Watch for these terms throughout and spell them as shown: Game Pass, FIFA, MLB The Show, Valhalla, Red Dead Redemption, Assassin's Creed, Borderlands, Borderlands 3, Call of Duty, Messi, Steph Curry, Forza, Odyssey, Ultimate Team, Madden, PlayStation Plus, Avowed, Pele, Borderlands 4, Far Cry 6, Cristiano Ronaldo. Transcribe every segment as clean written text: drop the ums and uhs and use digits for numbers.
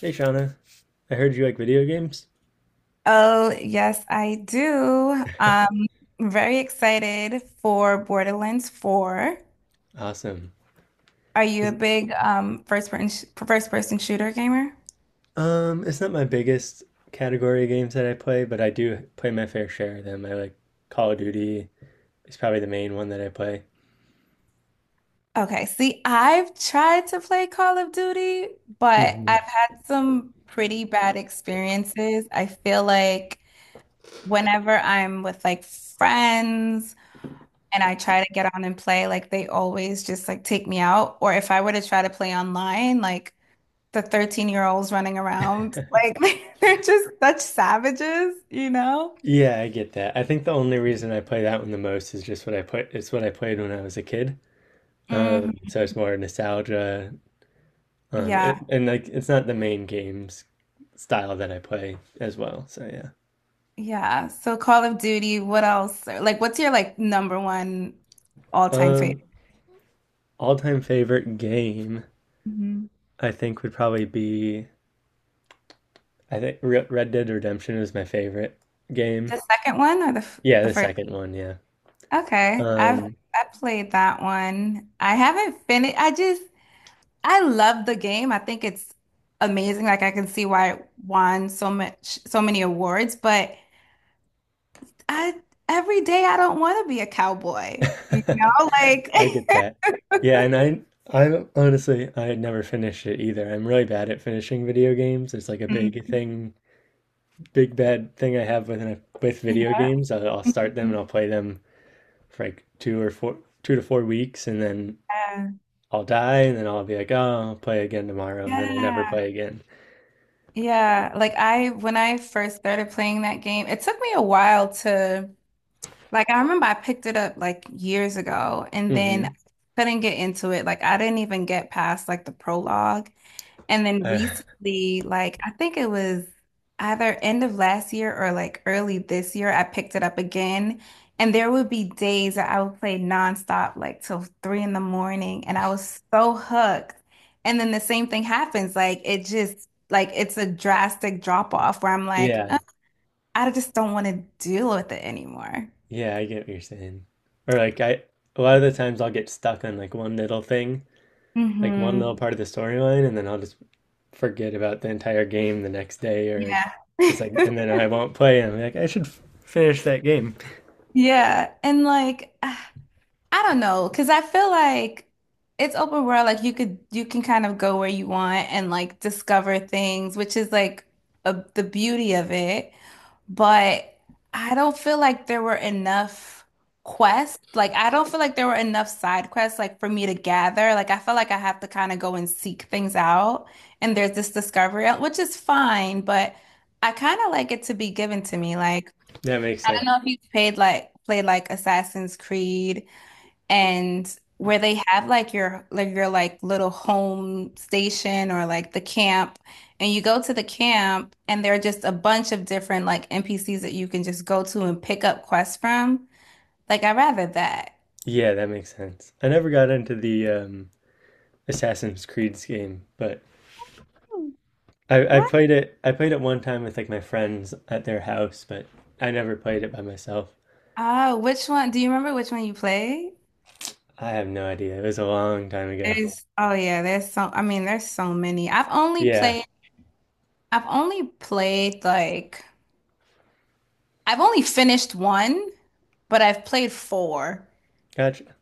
Hey, Shauna. I heard you like video games. Oh, yes, I do. Very excited for Borderlands 4. Awesome. Are you Is a it- big first person shooter gamer? it's not my biggest category of games that I play, but I do play my fair share of them. I like Call of Duty is probably the main one that I play. Okay, see, I've tried to play Call of Duty, but Hmm I've had some pretty bad experiences. I feel like whenever I'm with like friends and I try to get on and play, like they always just like take me out. Or if I were to try to play online, like the 13-year-olds running around. Like they're just such savages, Yeah, I get that. I think the only reason I play that one the most is just what I put. It's what I played when I was a kid. Um, Hmm. so it's more nostalgia. Um, Yeah. and, and like it's not the main games style that I play as well. So yeah. Yeah. So Call of Duty, what else? Like what's your like number one all-time favorite? Um, All-time favorite game Mhm. I think would probably be. I think Red Dead Redemption is my favorite game. The second one or Yeah, the the first? second one, yeah. Okay. Um, I played that one. I haven't finished. I love the game. I think it's amazing. Like I can see why it won so many awards, but I every day I don't want to be a cowboy. Like I get that. Yeah, and I honestly I had never finished it either. I'm really bad at finishing video games. It's like a big thing, big bad thing I have with video Yeah. games. I'll start them and I'll play them for like two or four, 2 to 4 weeks, and then Yeah. I'll die, and then I'll be like, oh, I'll play again tomorrow, and then I never Yeah. play again. Yeah. Like I when I first started playing that game, it took me a while to I remember I picked it up like years ago and then Hmm couldn't get into it. Like I didn't even get past like the prologue. And then Uh, recently, like I think it was either end of last year or like early this year, I picked it up again. And there would be days that I would play nonstop, like till three in the morning, and I was so hooked. And then the same thing happens. Like it just like it's a drastic drop off where I'm like, yeah. I just don't want to deal with it anymore." Yeah, I get what you're saying. Or like I a lot of the times I'll get stuck on like one little thing, like one Hmm. little part of the storyline, and then I'll just forget about the entire game the next day, or like Yeah. just like and then I won't play and I'm like I should finish that game. Yeah. And like I don't know, because I feel like it's open world. Like you can kind of go where you want and like discover things, which is like the beauty of it. But I don't feel like there were enough quests. Like I don't feel like there were enough side quests like for me to gather. Like I feel like I have to kind of go and seek things out. And there's this discovery, which is fine, but I kind of like it to be given to me. Like That makes I don't sense. know if you've paid like played like Assassin's Creed and where they have like your like little home station or like the camp and you go to the camp and there are just a bunch of different like NPCs that you can just go to and pick up quests from. Like I rather that. Yeah, that makes sense. I never got into the Assassin's Creed's game, but Hmm. I I What? played it I played it one time with like my friends at their house, but I never played it by myself. Ah, which one? Do you remember which one you played? I have no idea. It was a long time ago. There's Oh yeah, there's I mean there's so many. Yeah. I've only played like I've only finished one, but I've played four. Gotcha.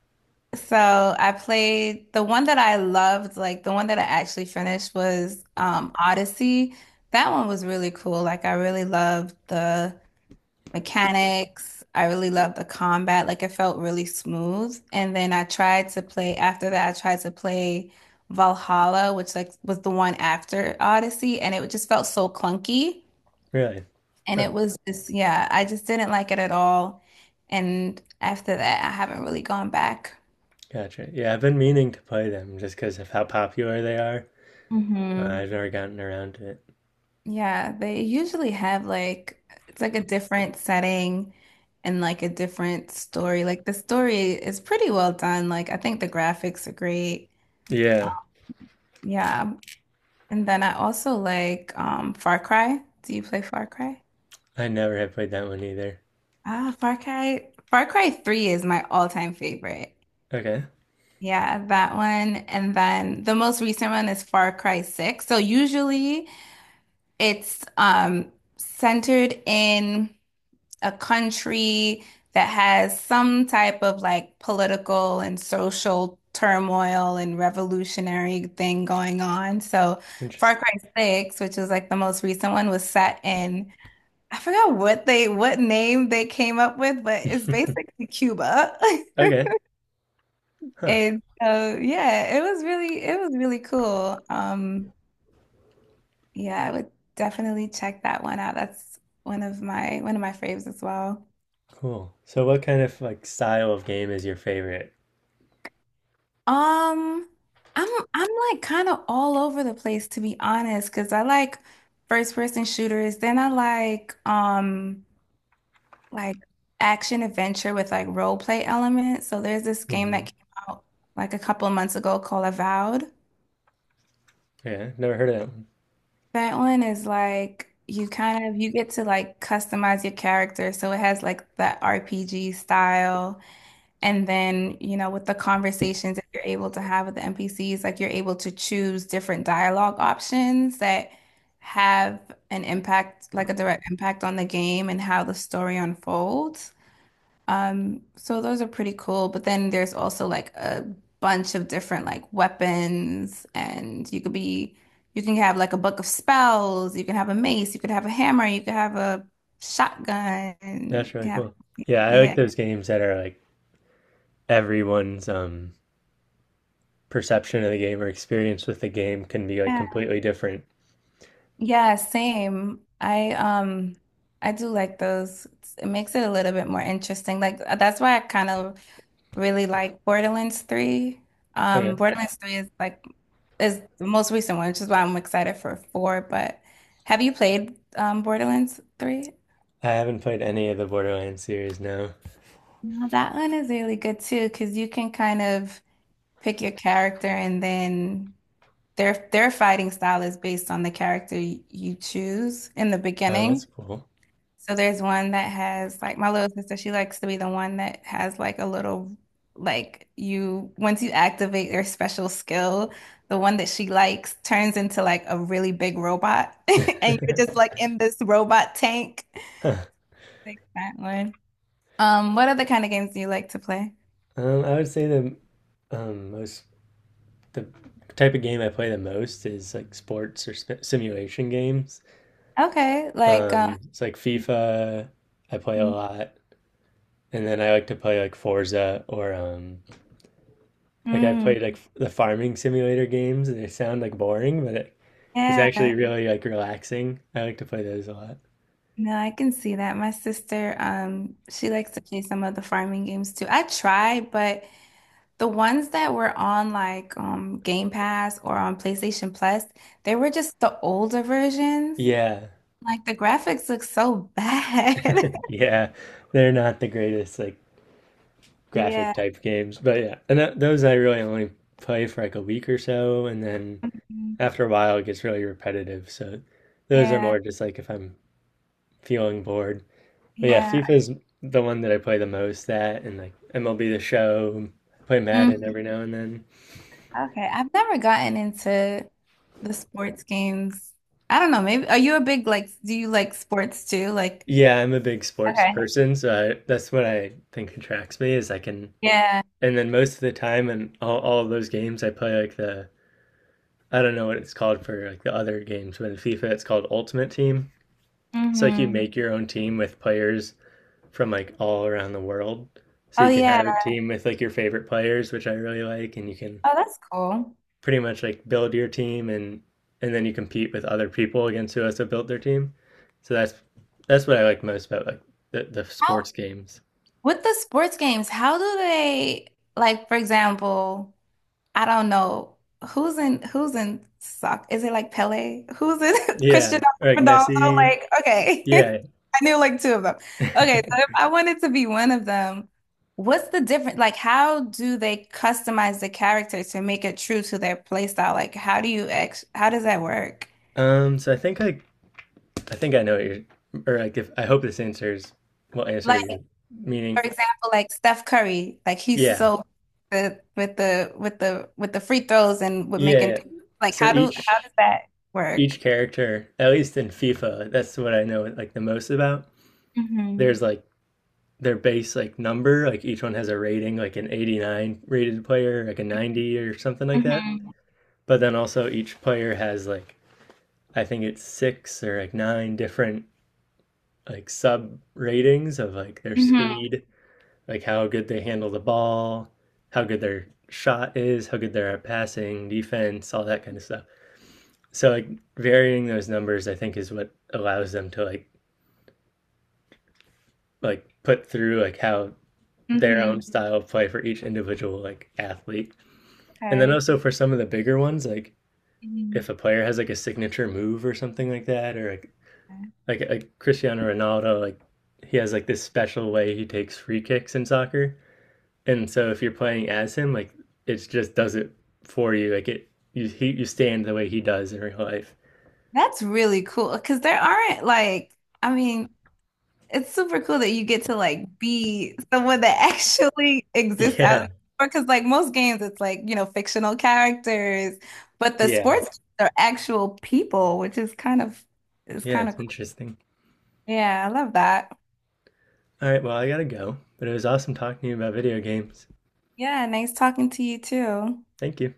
So I played the one that I loved, like the one that I actually finished was Odyssey. That one was really cool. Like I really loved the mechanics. I really loved the combat. Like it felt really smooth. And then I tried to play Valhalla, which like was the one after Odyssey, and it just felt so clunky. Really? And Huh. it was just, yeah, I just didn't like it at all. And after that, I haven't really gone back. Gotcha. Yeah, I've been meaning to play them just because of how popular they are. Hmm. I've never gotten around to it. Yeah, they usually have like it's like a different setting and like a different story. Like the story is pretty well done. Like I think the graphics are great. um, Yeah, Yeah. And then I also like Far Cry. Do you play Far Cry? I never have played that one either. Far Cry 3 is my all-time favorite. Okay. Yeah, that one. And then the most recent one is Far Cry 6. So usually it's centered in a country that has some type of like political and social turmoil and revolutionary thing going on. So Far Interesting. Cry 6, which was like the most recent one, was set in I forgot what they what name they came up with, but it's basically Cuba. Okay. Huh. And so yeah, it was really cool. Yeah, I would definitely check that one out. That's one of my faves as well. Cool. So what kind of like style of game is your favorite? Um, I'm like kind of all over the place to be honest, because I like first person shooters. Then I like action adventure with like role play elements. So there's this game that Hmm came out like a couple of months ago called Avowed. Yeah, never heard of that one. That one is like you kind of you get to like customize your character, so it has like that RPG style. And then, you know, with the conversations that you're able to have with the NPCs, like you're able to choose different dialogue options that have an impact, like a direct impact on the game and how the story unfolds. So those are pretty cool. But then there's also like a bunch of different like weapons, and you can have like a book of spells, you can have a mace, you could have a hammer, you could have a shotgun, That's you really can have, cool. Yeah, I yeah. like those games that are like everyone's perception of the game or experience with the game can be like completely different. Yeah, same. I do like those. It's- It makes it a little bit more interesting. Like that's why I kind of really like Borderlands 3. Um Okay. Borderlands 3 is like is the most recent one, which is why I'm excited for 4, but have you played Borderlands 3? I haven't played any of the Borderlands series, no. No, that one is really good too, because you can kind of pick your character and then their fighting style is based on the character you choose in the Oh, that's beginning. cool. So there's one that has like my little sister, she likes to be the one that has like a little like you once you activate their special skill, the one that she likes turns into like a really big robot and you're just like in this robot tank. Huh. Like that one. What other kind of games do you like to play? I would say the most the type of game I play the most is like sports or sp simulation games. Okay, like um. It's like FIFA. I play a Mhm. lot, and then I like to play like Forza or, like I've Mm, played like the farming simulator games. They sound like boring, but it's actually yeah. really like relaxing. I like to play those a lot. No, I can see that. My sister, she likes to play some of the farming games too. I try, but the ones that were on like Game Pass or on PlayStation Plus, they were just the older versions. Yeah, Like the graphics look so bad. yeah, they're not the greatest like graphic Yeah. type games, but yeah, and those I really only play for like a week or so, and then Mhm. after a while it gets really repetitive. So those are Yeah. more just like if I'm feeling bored. But yeah, Yeah. FIFA's the one that I play the most at, and like MLB The Show. I play Madden Mhm. every now and then. Okay, I've never gotten into the sports games. I don't know, maybe are you a big like do you like sports too? Like Yeah, I'm a big sports okay. person, so that's what I think attracts me is I can, Yeah. and then most of the time in all of those games I play like the I don't know what it's called for like the other games, but in FIFA it's called Ultimate Team. It's like you Hmm. make your own team with players from like all around the world. So Oh you can yeah. have a team with like your favorite players, which I really like, and you can Oh, that's cool. pretty much like build your team, and then you compete with other people against who also built their team. So that's what I like most about like the How sports games. with the sports games, how do they like for example I don't know who's in sock. Is it like Pele? Who's in Yeah, Cristiano or like Ronaldo? Messi. Like, okay. Yeah. I knew like two of them. Okay, so if I wanted to be one of them, what's the difference? Like, how do they customize the character to make it true to their play style? Like, how do you ex how does that work? So I think like I think I know what you're, or like if I hope this answers will answer Like, what you're for meaning. example, like Steph Curry, like he's Yeah. so good with the with the with the free throws and with Yeah. making yeah. like So how does that work? each character, at least in FIFA, that's what I know like the most about. Hmm. There's like their base like number, like each one has a rating, like an 89 rated player, like a 90 or something like that. Hmm. But then also each player has like I think it's six or like nine different like sub ratings of like their Mm-hmm. speed, like how good they handle the ball, how good their shot is, how good they're at passing, defense, all that kind of stuff. So like varying those numbers I think is what allows them to like put through like how their Mm-hmm. own style of play for each individual like athlete. And then Okay. also for some of the bigger ones, like Mhm. if a player has like a signature move or something like that, or Okay. Like Cristiano Ronaldo, like he has like this special way he takes free kicks in soccer. And so if you're playing as him, like it just does it for you. You stand the way he does in real life. That's really cool because there aren't like, I mean, it's super cool that you get to like be someone that actually exists Yeah, out because like most games it's like, you know, fictional characters, but the yeah, sports games are actual people, which is yeah. kind of It's cool. interesting. Yeah, I love that. All right, well I gotta go, but it was awesome talking to you about video games. Yeah, nice talking to you too. Thank you.